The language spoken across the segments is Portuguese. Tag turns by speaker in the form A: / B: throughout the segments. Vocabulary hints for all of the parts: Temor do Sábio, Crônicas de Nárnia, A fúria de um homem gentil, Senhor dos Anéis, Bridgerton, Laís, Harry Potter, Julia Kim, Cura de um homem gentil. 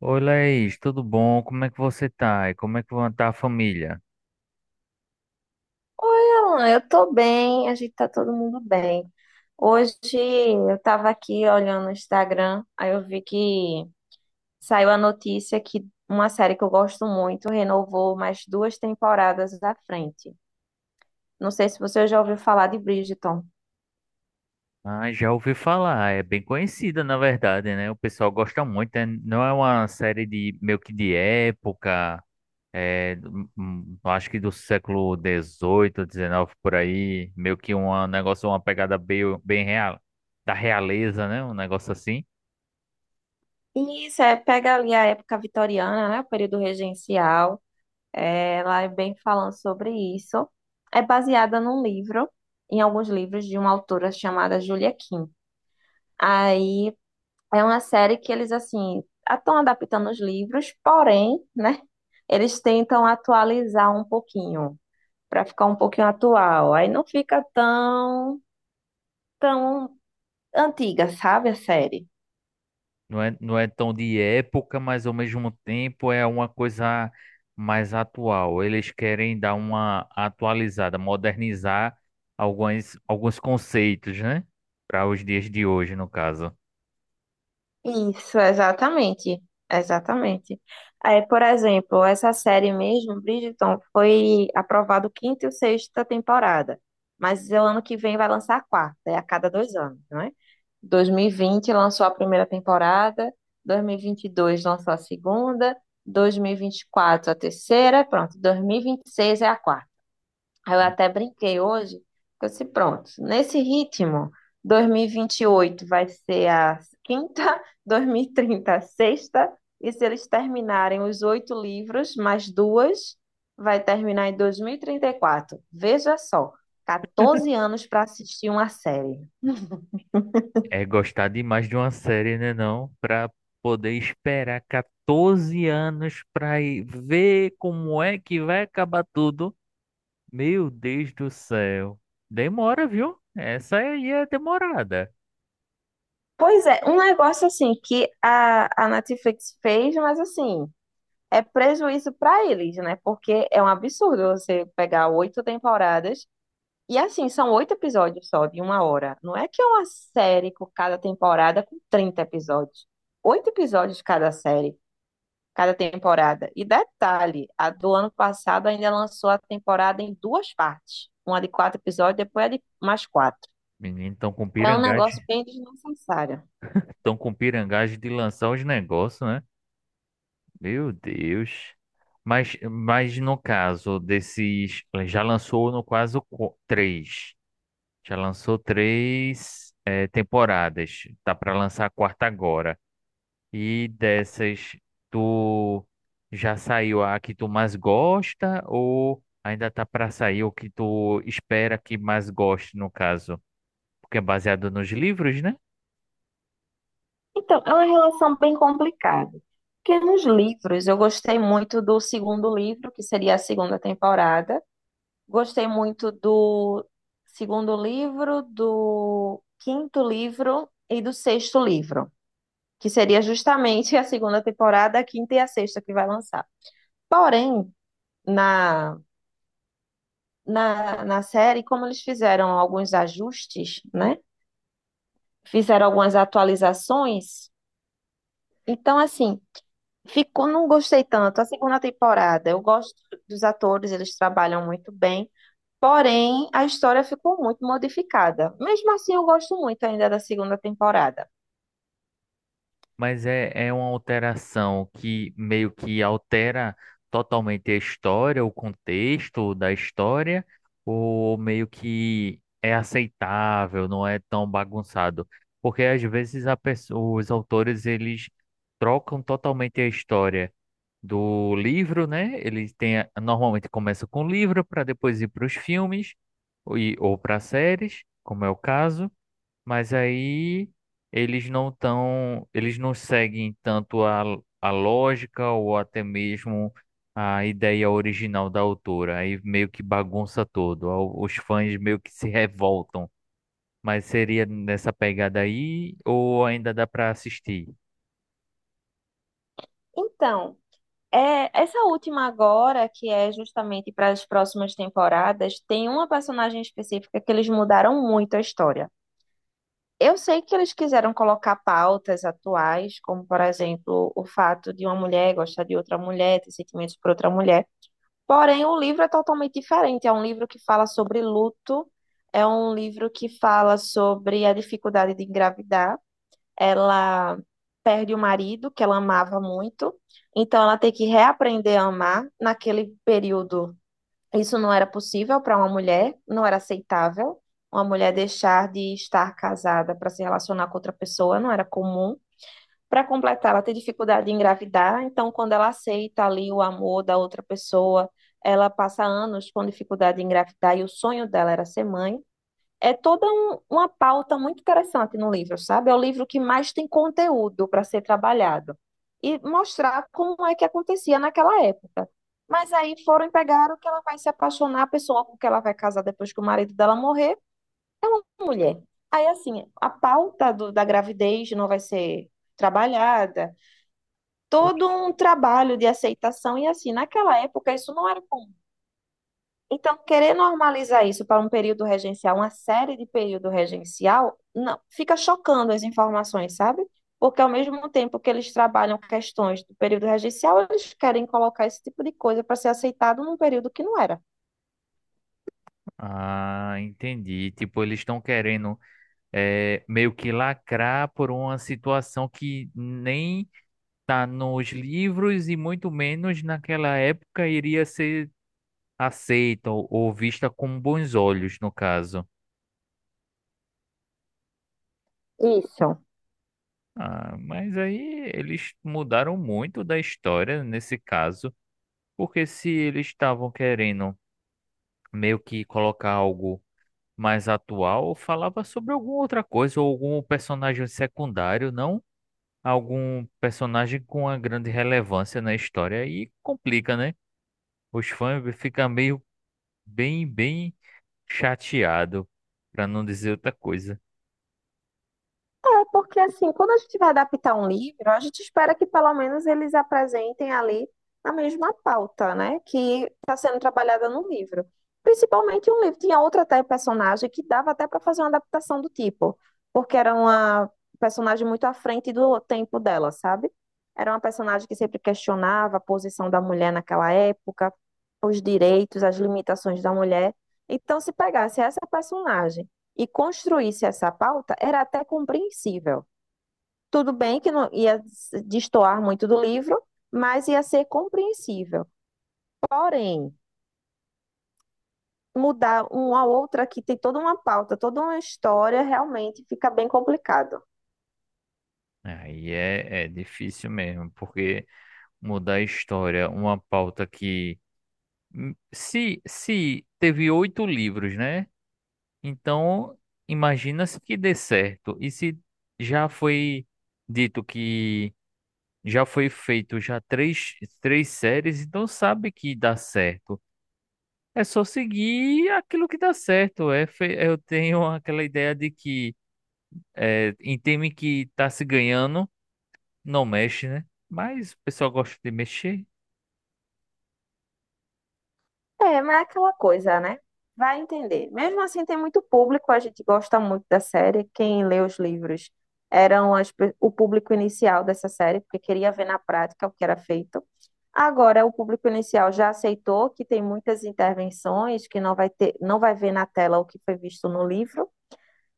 A: Oi, Laís, tudo bom? Como é que você tá? E como é que tá a família?
B: Alan, eu tô bem, a gente tá todo mundo bem. Hoje eu tava aqui olhando o Instagram, aí eu vi que saiu a notícia que uma série que eu gosto muito renovou mais duas temporadas à frente. Não sei se você já ouviu falar de Bridgerton.
A: Ah, já ouvi falar, é bem conhecida, na verdade, né? O pessoal gosta muito, né? Não é uma série de meio que de época, é, acho que do século XVIII, XIX, por aí, meio que um negócio, uma pegada bem, bem real, da realeza, né? Um negócio assim.
B: E isso é, pega ali a época vitoriana, né, o período regencial. É, ela é bem falando sobre isso. É baseada num livro, em alguns livros de uma autora chamada Julia Kim. Aí é uma série que eles, assim, estão adaptando os livros, porém, né, eles tentam atualizar um pouquinho, para ficar um pouquinho atual. Aí não fica tão antiga, sabe, a série.
A: Não é, não é tão de época, mas ao mesmo tempo é uma coisa mais atual. Eles querem dar uma atualizada, modernizar alguns conceitos, né? Para os dias de hoje, no caso.
B: Isso, exatamente. Exatamente. É, por exemplo, essa série mesmo, Bridgerton, foi aprovado quinta e sexta temporada. Mas o ano que vem vai lançar a quarta, é a cada dois anos, não é? 2020 lançou a primeira temporada, dois mil e vinte e dois lançou a segunda, dois mil e vinte e quatro a terceira, pronto, dois mil e vinte e seis é a quarta. Aí eu até brinquei hoje, que eu disse, pronto, nesse ritmo, 2028 vai ser a quinta, 2030 a sexta, e se eles terminarem os oito livros, mais duas, vai terminar em 2034. Veja só, 14 anos para assistir uma série.
A: É gostar demais de uma série, né, não? Para poder esperar 14 anos para ver como é que vai acabar tudo. Meu Deus do céu. Demora, viu? Essa aí é demorada.
B: Pois é, um negócio assim que a Netflix fez, mas assim, é prejuízo para eles, né? Porque é um absurdo você pegar oito temporadas. E assim, são oito episódios só, de uma hora. Não é que é uma série com cada temporada com 30 episódios. Oito episódios cada série, cada temporada. E detalhe, a do ano passado ainda lançou a temporada em duas partes. Uma de quatro episódios, depois a de mais quatro.
A: Menino, tão com
B: É um
A: pirangagem.
B: negócio bem desnecessário.
A: Estão com pirangagem de lançar os negócios, né? Meu Deus. Mas no caso desses. Já lançou, no caso, três. Já lançou três temporadas. Tá para lançar a quarta agora. E dessas, tu já saiu a que tu mais gosta? Ou ainda tá para sair o que tu espera que mais goste, no caso? Porque é baseado nos livros, né?
B: Então, é uma relação bem complicada. Porque nos livros, eu gostei muito do segundo livro, que seria a segunda temporada. Gostei muito do segundo livro, do quinto livro e do sexto livro, que seria justamente a segunda temporada, a quinta e a sexta que vai lançar. Porém, na, na série, como eles fizeram alguns ajustes, né? Fizeram algumas atualizações. Então, assim, ficou, não gostei tanto. A segunda temporada, eu gosto dos atores, eles trabalham muito bem. Porém, a história ficou muito modificada. Mesmo assim, eu gosto muito ainda da segunda temporada.
A: Mas é uma alteração que meio que altera totalmente a história, o contexto da história, ou meio que é aceitável, não é tão bagunçado. Porque às vezes os autores eles trocam totalmente a história do livro, né? Eles têm, normalmente começa com o livro para depois ir para os filmes ou, ou para séries, como é o caso. Mas aí eles não tão, eles não seguem tanto a lógica ou até mesmo a ideia original da autora. Aí meio que bagunça todo. Os fãs meio que se revoltam. Mas seria nessa pegada aí ou ainda dá para assistir?
B: Então, é, essa última agora, que é justamente para as próximas temporadas, tem uma personagem específica que eles mudaram muito a história. Eu sei que eles quiseram colocar pautas atuais, como, por exemplo, o fato de uma mulher gostar de outra mulher, ter sentimentos por outra mulher. Porém, o livro é totalmente diferente. É um livro que fala sobre luto, é um livro que fala sobre a dificuldade de engravidar. Ela perde o marido, que ela amava muito, então ela tem que reaprender a amar. Naquele período, isso não era possível para uma mulher, não era aceitável. Uma mulher deixar de estar casada para se relacionar com outra pessoa não era comum. Para completar, ela tem dificuldade em engravidar, então quando ela aceita ali o amor da outra pessoa, ela passa anos com dificuldade em engravidar e o sonho dela era ser mãe. É toda uma pauta muito interessante no livro, sabe? É o livro que mais tem conteúdo para ser trabalhado e mostrar como é que acontecia naquela época. Mas aí foram e pegaram que ela vai se apaixonar, a pessoa com que ela vai casar depois que o marido dela morrer, mulher. Aí, assim, a pauta da gravidez não vai ser trabalhada, todo um trabalho de aceitação e assim, naquela época isso não era comum. Então, querer normalizar isso para um período regencial, uma série de período regencial, não, fica chocando as informações, sabe? Porque ao mesmo tempo que eles trabalham questões do período regencial, eles querem colocar esse tipo de coisa para ser aceitado num período que não era.
A: Ah, entendi. Tipo, eles estão querendo meio que lacrar por uma situação que nem tá nos livros e muito menos naquela época iria ser aceita ou vista com bons olhos, no caso.
B: Isso.
A: Ah, mas aí eles mudaram muito da história nesse caso, porque se eles estavam querendo meio que colocar algo mais atual, falava sobre alguma outra coisa, ou algum personagem secundário, não algum personagem com uma grande relevância na história. E complica, né? Os fãs ficam meio bem chateado para não dizer outra coisa.
B: É, porque assim, quando a gente vai adaptar um livro, a gente espera que pelo menos eles apresentem ali a mesma pauta, né, que está sendo trabalhada no livro. Principalmente um livro tinha outra até personagem que dava até para fazer uma adaptação do tipo, porque era uma personagem muito à frente do tempo dela, sabe? Era uma personagem que sempre questionava a posição da mulher naquela época, os direitos, as limitações da mulher. Então, se pegasse essa personagem e construísse essa pauta, era até compreensível. Tudo bem que não ia destoar muito do livro, mas ia ser compreensível. Porém, mudar uma outra que tem toda uma pauta, toda uma história, realmente fica bem complicado.
A: Aí é difícil mesmo, porque mudar a história, uma pauta que. Se teve oito livros, né? Então, imagina-se que dê certo. E se já foi dito que já foi feito já três séries, então sabe que dá certo. É só seguir aquilo que dá certo. É, eu tenho aquela ideia de que em time que tá se ganhando, não mexe, né? Mas o pessoal gosta de mexer,
B: É, mas é aquela coisa, né? Vai entender. Mesmo assim, tem muito público, a gente gosta muito da série. Quem lê os livros eram as o público inicial dessa série, porque queria ver na prática o que era feito. Agora, o público inicial já aceitou que tem muitas intervenções, que não vai ter, não vai ver na tela o que foi visto no livro.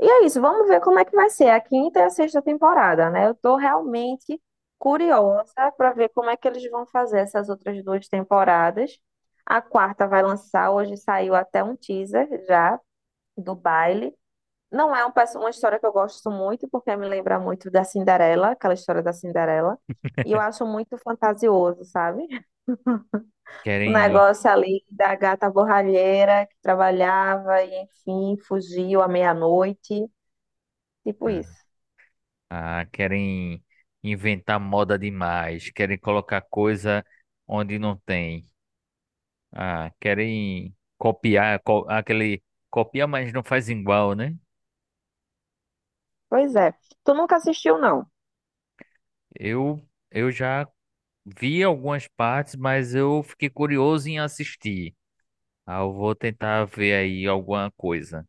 B: E é isso, vamos ver como é que vai ser a quinta e a sexta temporada, né? Eu tô realmente curiosa para ver como é que eles vão fazer essas outras duas temporadas. A quarta vai lançar, hoje saiu até um teaser já do baile. Não é um uma história que eu gosto muito, porque me lembra muito da Cinderela, aquela história da Cinderela. E eu acho muito fantasioso, sabe? O
A: querem,
B: negócio ali da gata borralheira que trabalhava e, enfim, fugiu à meia-noite, tipo
A: ah,
B: isso.
A: querem inventar moda demais, querem colocar coisa onde não tem, ah, querem copiar, aquele copia, mas não faz igual, né?
B: Pois é. Tu nunca assistiu, não?
A: Eu, eu já vi algumas partes, mas eu fiquei curioso em assistir. Ah, eu vou tentar ver aí alguma coisa.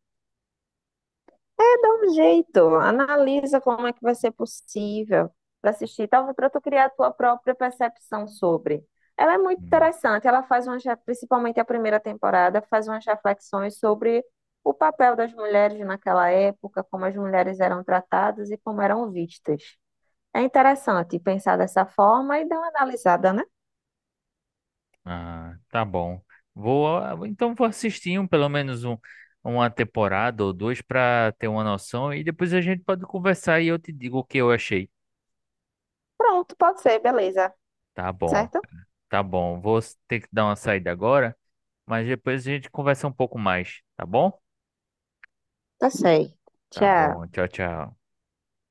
B: É, dá um jeito. Analisa como é que vai ser possível para assistir, talvez para tu criar a tua própria percepção sobre. Ela é muito
A: Hum.
B: interessante. Ela faz uma principalmente a primeira temporada, faz umas reflexões sobre o papel das mulheres naquela época, como as mulheres eram tratadas e como eram vistas. É interessante pensar dessa forma e dar uma analisada, né?
A: Ah, tá bom. Então vou assistir uma temporada ou duas para ter uma noção e depois a gente pode conversar e eu te digo o que eu achei.
B: Pronto, pode ser, beleza.
A: Tá bom,
B: Certo?
A: tá bom. Vou ter que dar uma saída agora, mas depois a gente conversa um pouco mais, tá bom?
B: Tá sei.
A: Tá bom.
B: Tchau.
A: Tchau, tchau.